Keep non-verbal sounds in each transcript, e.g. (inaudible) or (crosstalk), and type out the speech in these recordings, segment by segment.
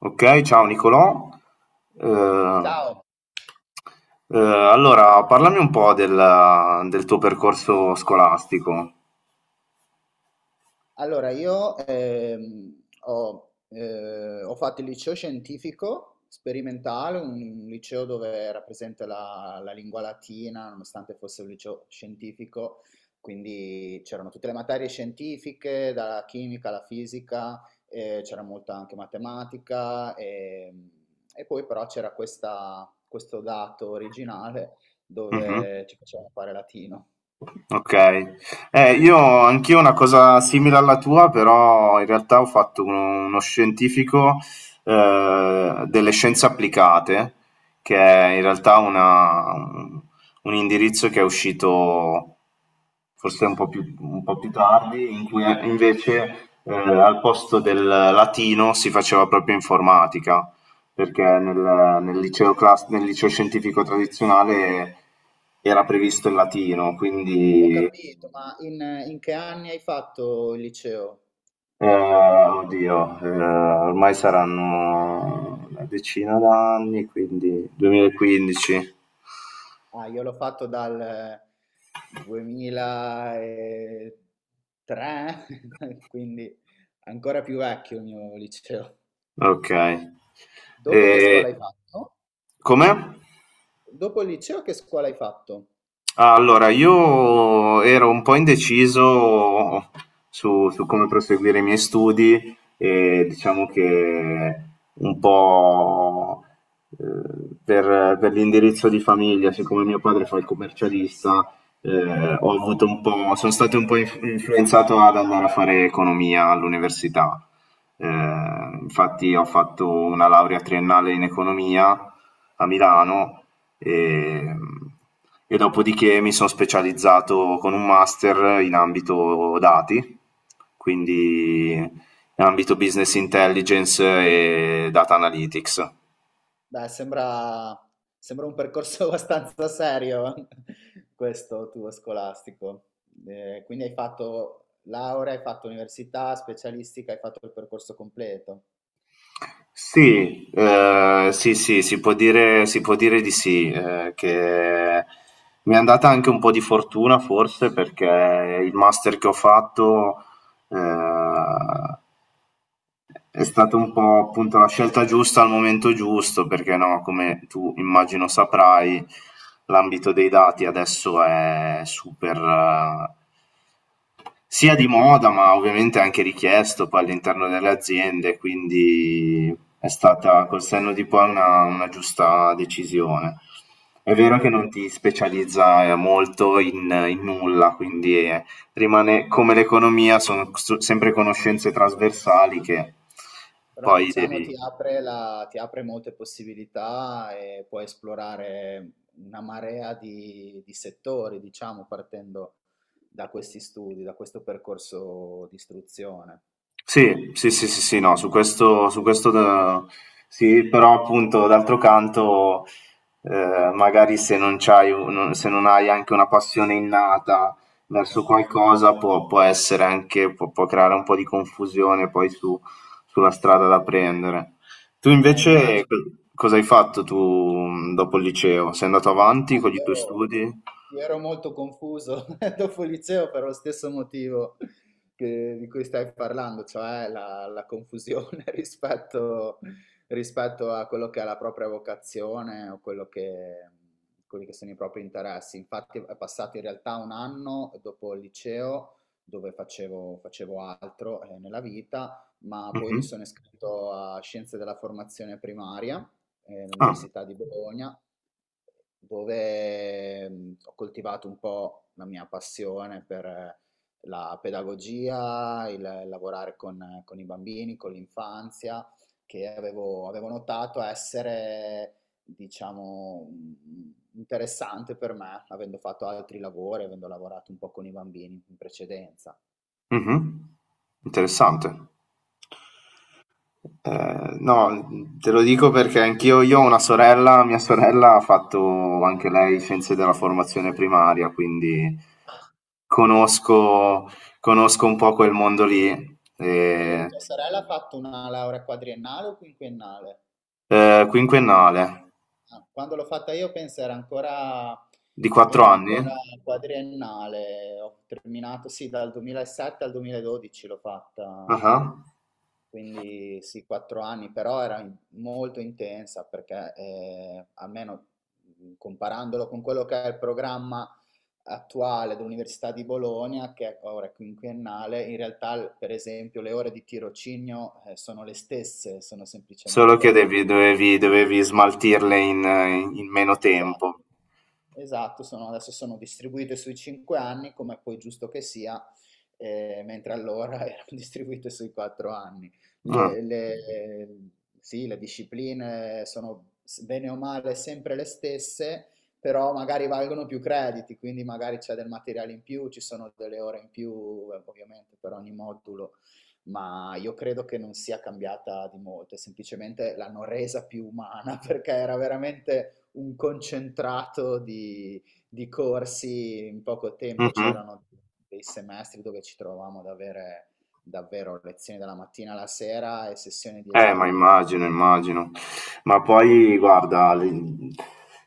Ok, ciao Nicolò. Eh, Ciao, allora, parlami un po' del tuo percorso scolastico. allora io ho fatto il liceo scientifico sperimentale, un liceo dove era presente la lingua latina, nonostante fosse un liceo scientifico, quindi c'erano tutte le materie scientifiche, dalla chimica alla fisica, c'era molta anche matematica, e poi però c'era questo dato originale Mhm. dove ci facevano fare latino. Okay. Io anch'io una cosa simile alla tua, però in realtà ho fatto uno scientifico, delle scienze applicate, che è in realtà una un indirizzo che è uscito forse un po' più tardi, in cui invece, al posto del latino si faceva proprio informatica perché nel nel liceo scientifico tradizionale era previsto il latino, Ho quindi capito, ma in che anni hai fatto il liceo? Oddio, ormai saranno una decina d'anni, quindi 2015. Ah, io l'ho fatto dal 2003, (laughs) quindi ancora più vecchio il mio liceo. Ok. E, Dopo che scuola hai fatto? com'è? Dopo il liceo che scuola hai fatto? Allora, io ero un po' indeciso su come proseguire i miei studi e diciamo che un po' per l'indirizzo di famiglia, siccome mio padre fa il commercialista, ho avuto un po', sono stato un po' influenzato ad andare a fare economia all'università. Eh, Infatti ho fatto una laurea triennale in economia a Milano e, e dopodiché mi sono specializzato con un master in ambito dati, quindi in ambito business intelligence e data analytics. Beh, sembra un percorso (laughs) abbastanza serio (laughs) questo tuo scolastico. Quindi hai fatto laurea, hai fatto università, specialistica, hai fatto il percorso completo. Sì, sì, sì, si può dire di sì, che mi è andata anche un po' di fortuna forse perché il master che ho fatto eh, è stata un po' appunto la scelta giusta al momento giusto, perché no, come tu immagino saprai, l'ambito dei dati adesso è super, sia di moda, ma ovviamente anche richiesto poi all'interno delle aziende, quindi è stata col senno di poi una giusta decisione. È vero che non Certo. ti specializza molto in, in nulla, quindi rimane come l'economia, sono sempre conoscenze trasversali che Però poi diciamo ti devi. apre, ti apre molte possibilità e puoi esplorare una marea di settori, diciamo, partendo da questi studi, da questo percorso di istruzione. Sì, sì, sì, sì, sì, no, su questo sì, però appunto d'altro canto, magari se non hai anche una passione innata verso qualcosa, può, può essere anche, può, può creare un po' di confusione poi sulla strada da prendere. Tu invece Immagino. Cosa hai fatto tu dopo il liceo? Sei andato avanti Eh, con i tuoi io, studi? Io ero molto confuso (laughs) dopo il liceo per lo stesso motivo di cui stai parlando, cioè la confusione (laughs) rispetto a quello che è la propria vocazione o quello che, quelli che sono i propri interessi. Infatti è passato in realtà un anno dopo il liceo dove facevo altro nella vita, ma poi mi Mhm. sono iscritto a Scienze della Formazione Primaria Ah, all'Università di Bologna dove ho coltivato un po' la mia passione per la pedagogia, il lavorare con i bambini, con l'infanzia, che avevo notato essere, diciamo, interessante per me, avendo fatto altri lavori, avendo lavorato un po' con i bambini in precedenza. mhm. Interessante. No, te lo dico perché anch'io io ho una sorella, mia sorella ha fatto anche lei scienze della formazione primaria, quindi conosco, conosco un po' quel mondo lì. E E, tua sorella ha fatto una laurea quadriennale o quinquennale? Quinquennale Ah, quando l'ho fatta io penso di quattro era anni. ancora quadriennale, ho terminato sì dal 2007 al 2012 l'ho fatta, Ah. quindi sì, quattro anni, però era molto intensa perché almeno comparandolo con quello che è il programma attuale dell'Università di Bologna, ora è quinquennale, in realtà per esempio le ore di tirocinio sono le stesse, sono Solo che semplicemente dovevi, dovevi smaltirle in, in meno esatto. tempo. Esatto, sono adesso sono distribuite sui 5 anni, come poi è giusto che sia, mentre allora (laughs) erano distribuite sui 4 anni. Ah, Le, le- eh, sì, le discipline sono bene o male sempre le stesse, però magari valgono più crediti, quindi magari c'è del materiale in più, ci sono delle ore in più, ovviamente, per ogni modulo, ma io credo che non sia cambiata di molto, semplicemente l'hanno resa più umana (laughs) perché era veramente un concentrato di corsi in poco tempo, mhm. c'erano dei semestri dove ci trovavamo ad avere davvero lezioni dalla mattina alla sera e sessioni di Ma esame immagino, immagino. Ma poi guarda, l-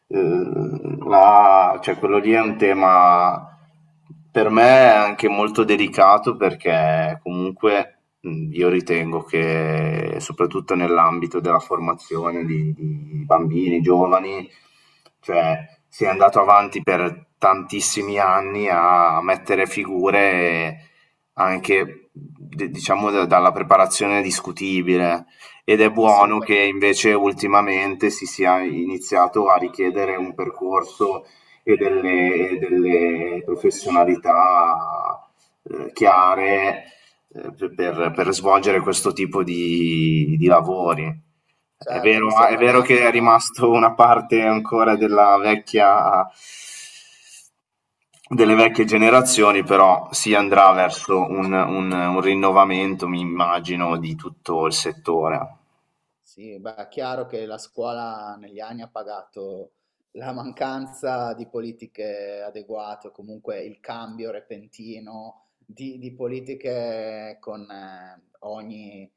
eh, la- cioè, quello lì è un tema per me è anche molto delicato perché comunque io ritengo che soprattutto nell'ambito della formazione di bambini, giovani, cioè si è andato avanti per tantissimi anni a mettere figure anche diciamo dalla preparazione discutibile ed è buono che assolutamente. invece ultimamente si sia iniziato a richiedere un percorso e delle professionalità chiare per svolgere questo tipo di lavori. Certo, lì si è È vero pagata che è la rimasto una parte ancora della vecchia, delle vecchie generazioni, però si andrà verso un, un rinnovamento, mi immagino, di tutto il settore. sì, beh, è chiaro che la scuola negli anni ha pagato la mancanza di politiche adeguate, o comunque il cambio repentino di politiche con ogni,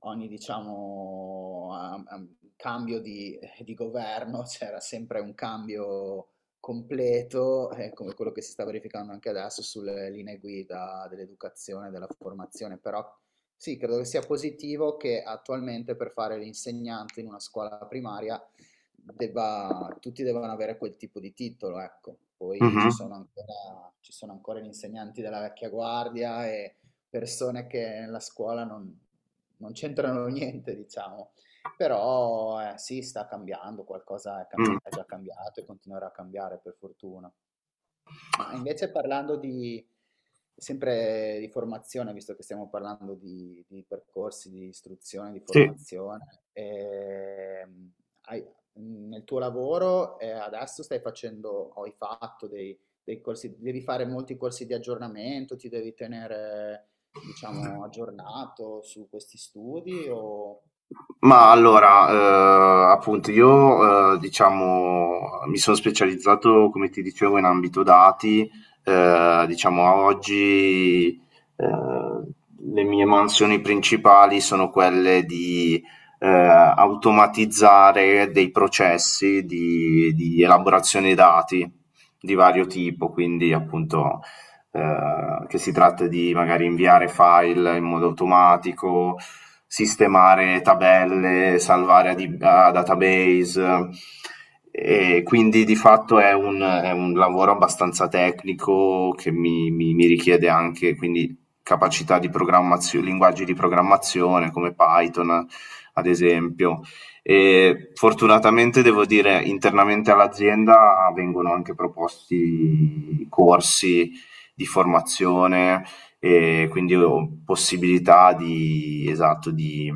ogni, diciamo, cambio di governo, (laughs) c'era sempre un cambio completo, come quello che si sta verificando anche adesso sulle linee guida dell'educazione e della formazione, però sì, credo che sia positivo che attualmente per fare l'insegnante in una scuola primaria tutti debbano avere quel tipo di titolo, ecco. Poi Mhm, ci sono ancora gli insegnanti della vecchia guardia e persone che nella scuola non c'entrano (laughs) niente, diciamo. Però sì, sta cambiando, qualcosa è, mm. cambia- è già cambiato e continuerà a cambiare per fortuna. Ma invece sempre di formazione, visto che stiamo parlando di percorsi di istruzione, di Sì, formazione, hai- nel tuo lavoro adesso stai facendo, o hai fatto dei corsi, devi fare molti corsi di aggiornamento, ti devi tenere, diciamo, aggiornato su questi studi ma o no? allora, appunto io, diciamo, mi sono specializzato, come ti dicevo, in ambito dati. Diciamo a oggi, ehm, le mie mansioni principali sono quelle di, automatizzare dei processi di elaborazione dati di vario tipo, quindi appunto che si tratta di magari inviare file in modo automatico, sistemare tabelle, salvare a database. E quindi di fatto è un lavoro abbastanza tecnico che mi richiede anche quindi capacità di programmazione, linguaggi di programmazione come Python, ad esempio. E fortunatamente devo dire internamente all'azienda vengono anche proposti corsi di formazione e quindi ho possibilità di, esatto,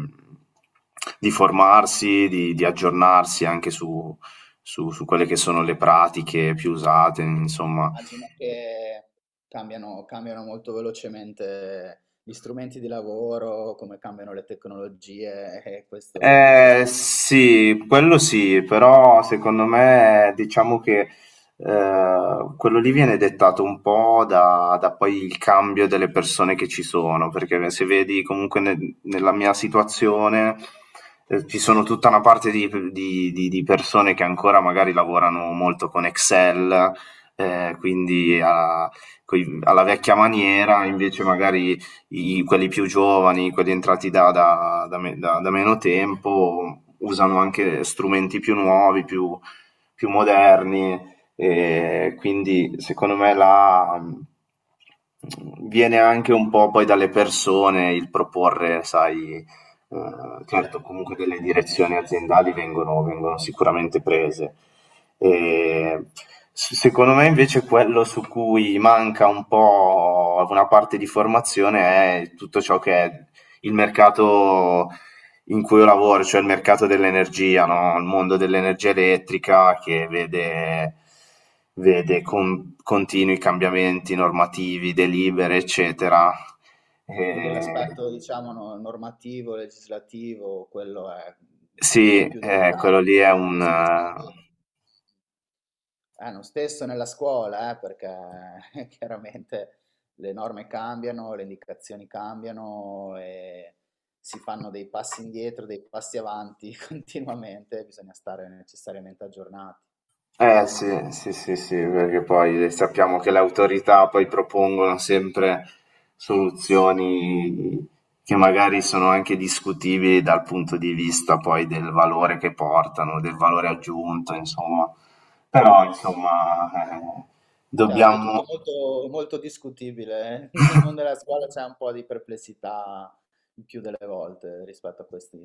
di formarsi, di aggiornarsi anche su quelle che sono le pratiche più usate, insomma. Immagino che cambiano molto velocemente gli strumenti di lavoro, come cambiano le tecnologie, e questo è un aspetto. Sì, quello sì, però secondo me diciamo che eh, quello lì viene dettato un po' da poi il cambio delle persone che ci sono, perché se vedi comunque nella mia situazione ci sono tutta una parte di, di persone che ancora magari lavorano molto con Excel, quindi alla vecchia maniera, invece magari quelli più giovani, quelli entrati da meno tempo, usano anche strumenti più nuovi, più, più moderni, e quindi secondo me la, viene anche un po' poi dalle persone il proporre, sai. Certo, comunque delle direzioni aziendali vengono sicuramente prese. Ehm, s Secondo me invece quello su cui manca un po' una parte di formazione è tutto ciò che è il mercato in cui io lavoro, cioè il mercato dell'energia, no, il mondo dell'energia elettrica che vede con continui cambiamenti normativi, delibere, eccetera. Quindi Ehm. l'aspetto, diciamo, normativo, legislativo, quello è Sì, il più quello delicato, lì è quello che un... bisogna stare bene. Lo stesso nella scuola, perché (laughs) chiaramente le norme cambiano, le indicazioni cambiano e si fanno dei passi indietro, dei passi avanti (laughs) continuamente, bisogna stare necessariamente aggiornati. Sì, sì, sì, sì, perché poi sappiamo che le autorità poi propongono sempre soluzioni che magari sono anche discutibili dal punto di vista poi del valore che portano, del valore aggiunto, insomma. Però, insomma, Certo, è tutto dobbiamo. molto, molto discutibile. Eh. (laughs) Nel mondo della scuola c'è un po' di perplessità il più delle volte rispetto a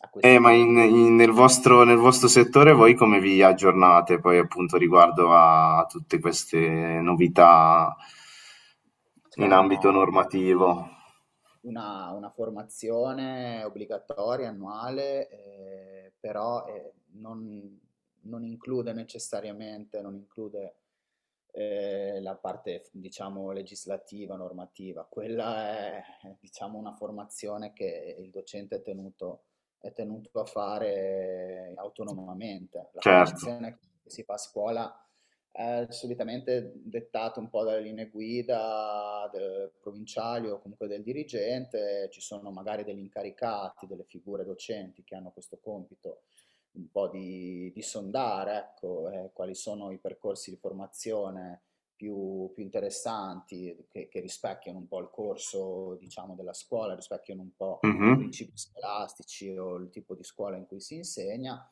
a questi Ma in temi. in nel vostro settore voi come vi aggiornate poi appunto riguardo a tutte queste novità C'è in ambito uno, normativo? Una formazione obbligatoria, annuale, però non include necessariamente, non include la parte, diciamo, legislativa, normativa. Quella è, diciamo, una formazione che il docente è tenuto a fare autonomamente. La Certo. formazione che si fa a scuola è solitamente dettato un po' dalle linee guida del provinciali o comunque del dirigente, ci sono magari degli incaricati, delle figure docenti che hanno questo compito un po' di sondare, ecco, quali sono i percorsi di formazione più interessanti, che rispecchiano un po' il corso, diciamo, della scuola, rispecchiano un po' i Mh-mh. principi scolastici o il tipo di scuola in cui si insegna,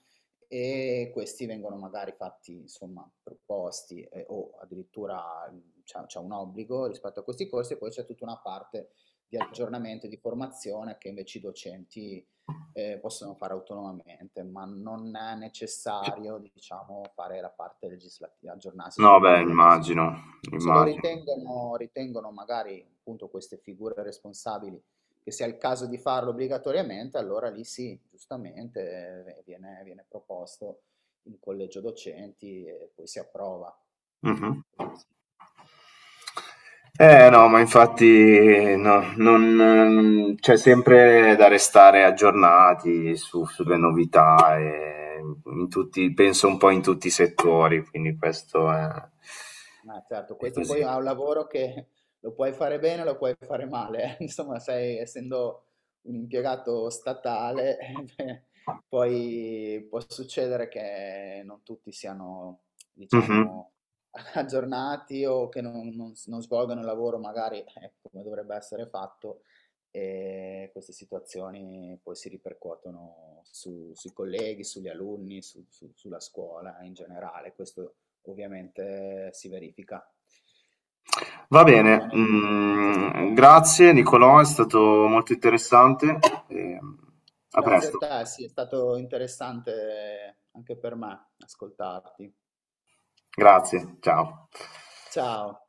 e questi vengono magari fatti, insomma, proposti o addirittura c'è un obbligo rispetto a questi corsi e poi c'è tutta una parte di aggiornamento e di formazione che invece i docenti possono fare autonomamente, ma non è necessario, diciamo, fare la parte legislativa, aggiornarsi sulla No, beh, parte legislativa. immagino, Se lo immagino. Ritengono magari appunto queste figure responsabili che sia il caso di farlo obbligatoriamente, allora lì sì, giustamente eh, viene proposto in collegio docenti e poi si approva. Mh-mh. Questo sì. No, ma infatti no, non c'è sempre da restare aggiornati su sulle novità, in tutti penso un po' in tutti i settori, quindi questo è. Ah, certo, E questo così. poi è un lavoro che (laughs) lo puoi fare bene, lo puoi fare male, eh. (laughs) Insomma, sei, essendo un impiegato statale, (laughs) beh, poi può succedere che non tutti siano, Mhm. diciamo, (laughs) aggiornati o che non non svolgano il lavoro magari come dovrebbe essere fatto e queste situazioni poi si ripercuotono sui colleghi, sugli alunni, sulla scuola in generale. Questo ovviamente si verifica. Va Non so bene, nel tuo (laughs) caso per mm, te. grazie Nicolò, è stato molto interessante. E, a Grazie a presto, te, sì, è stato interessante anche per me ascoltarti. grazie, ciao. Ciao.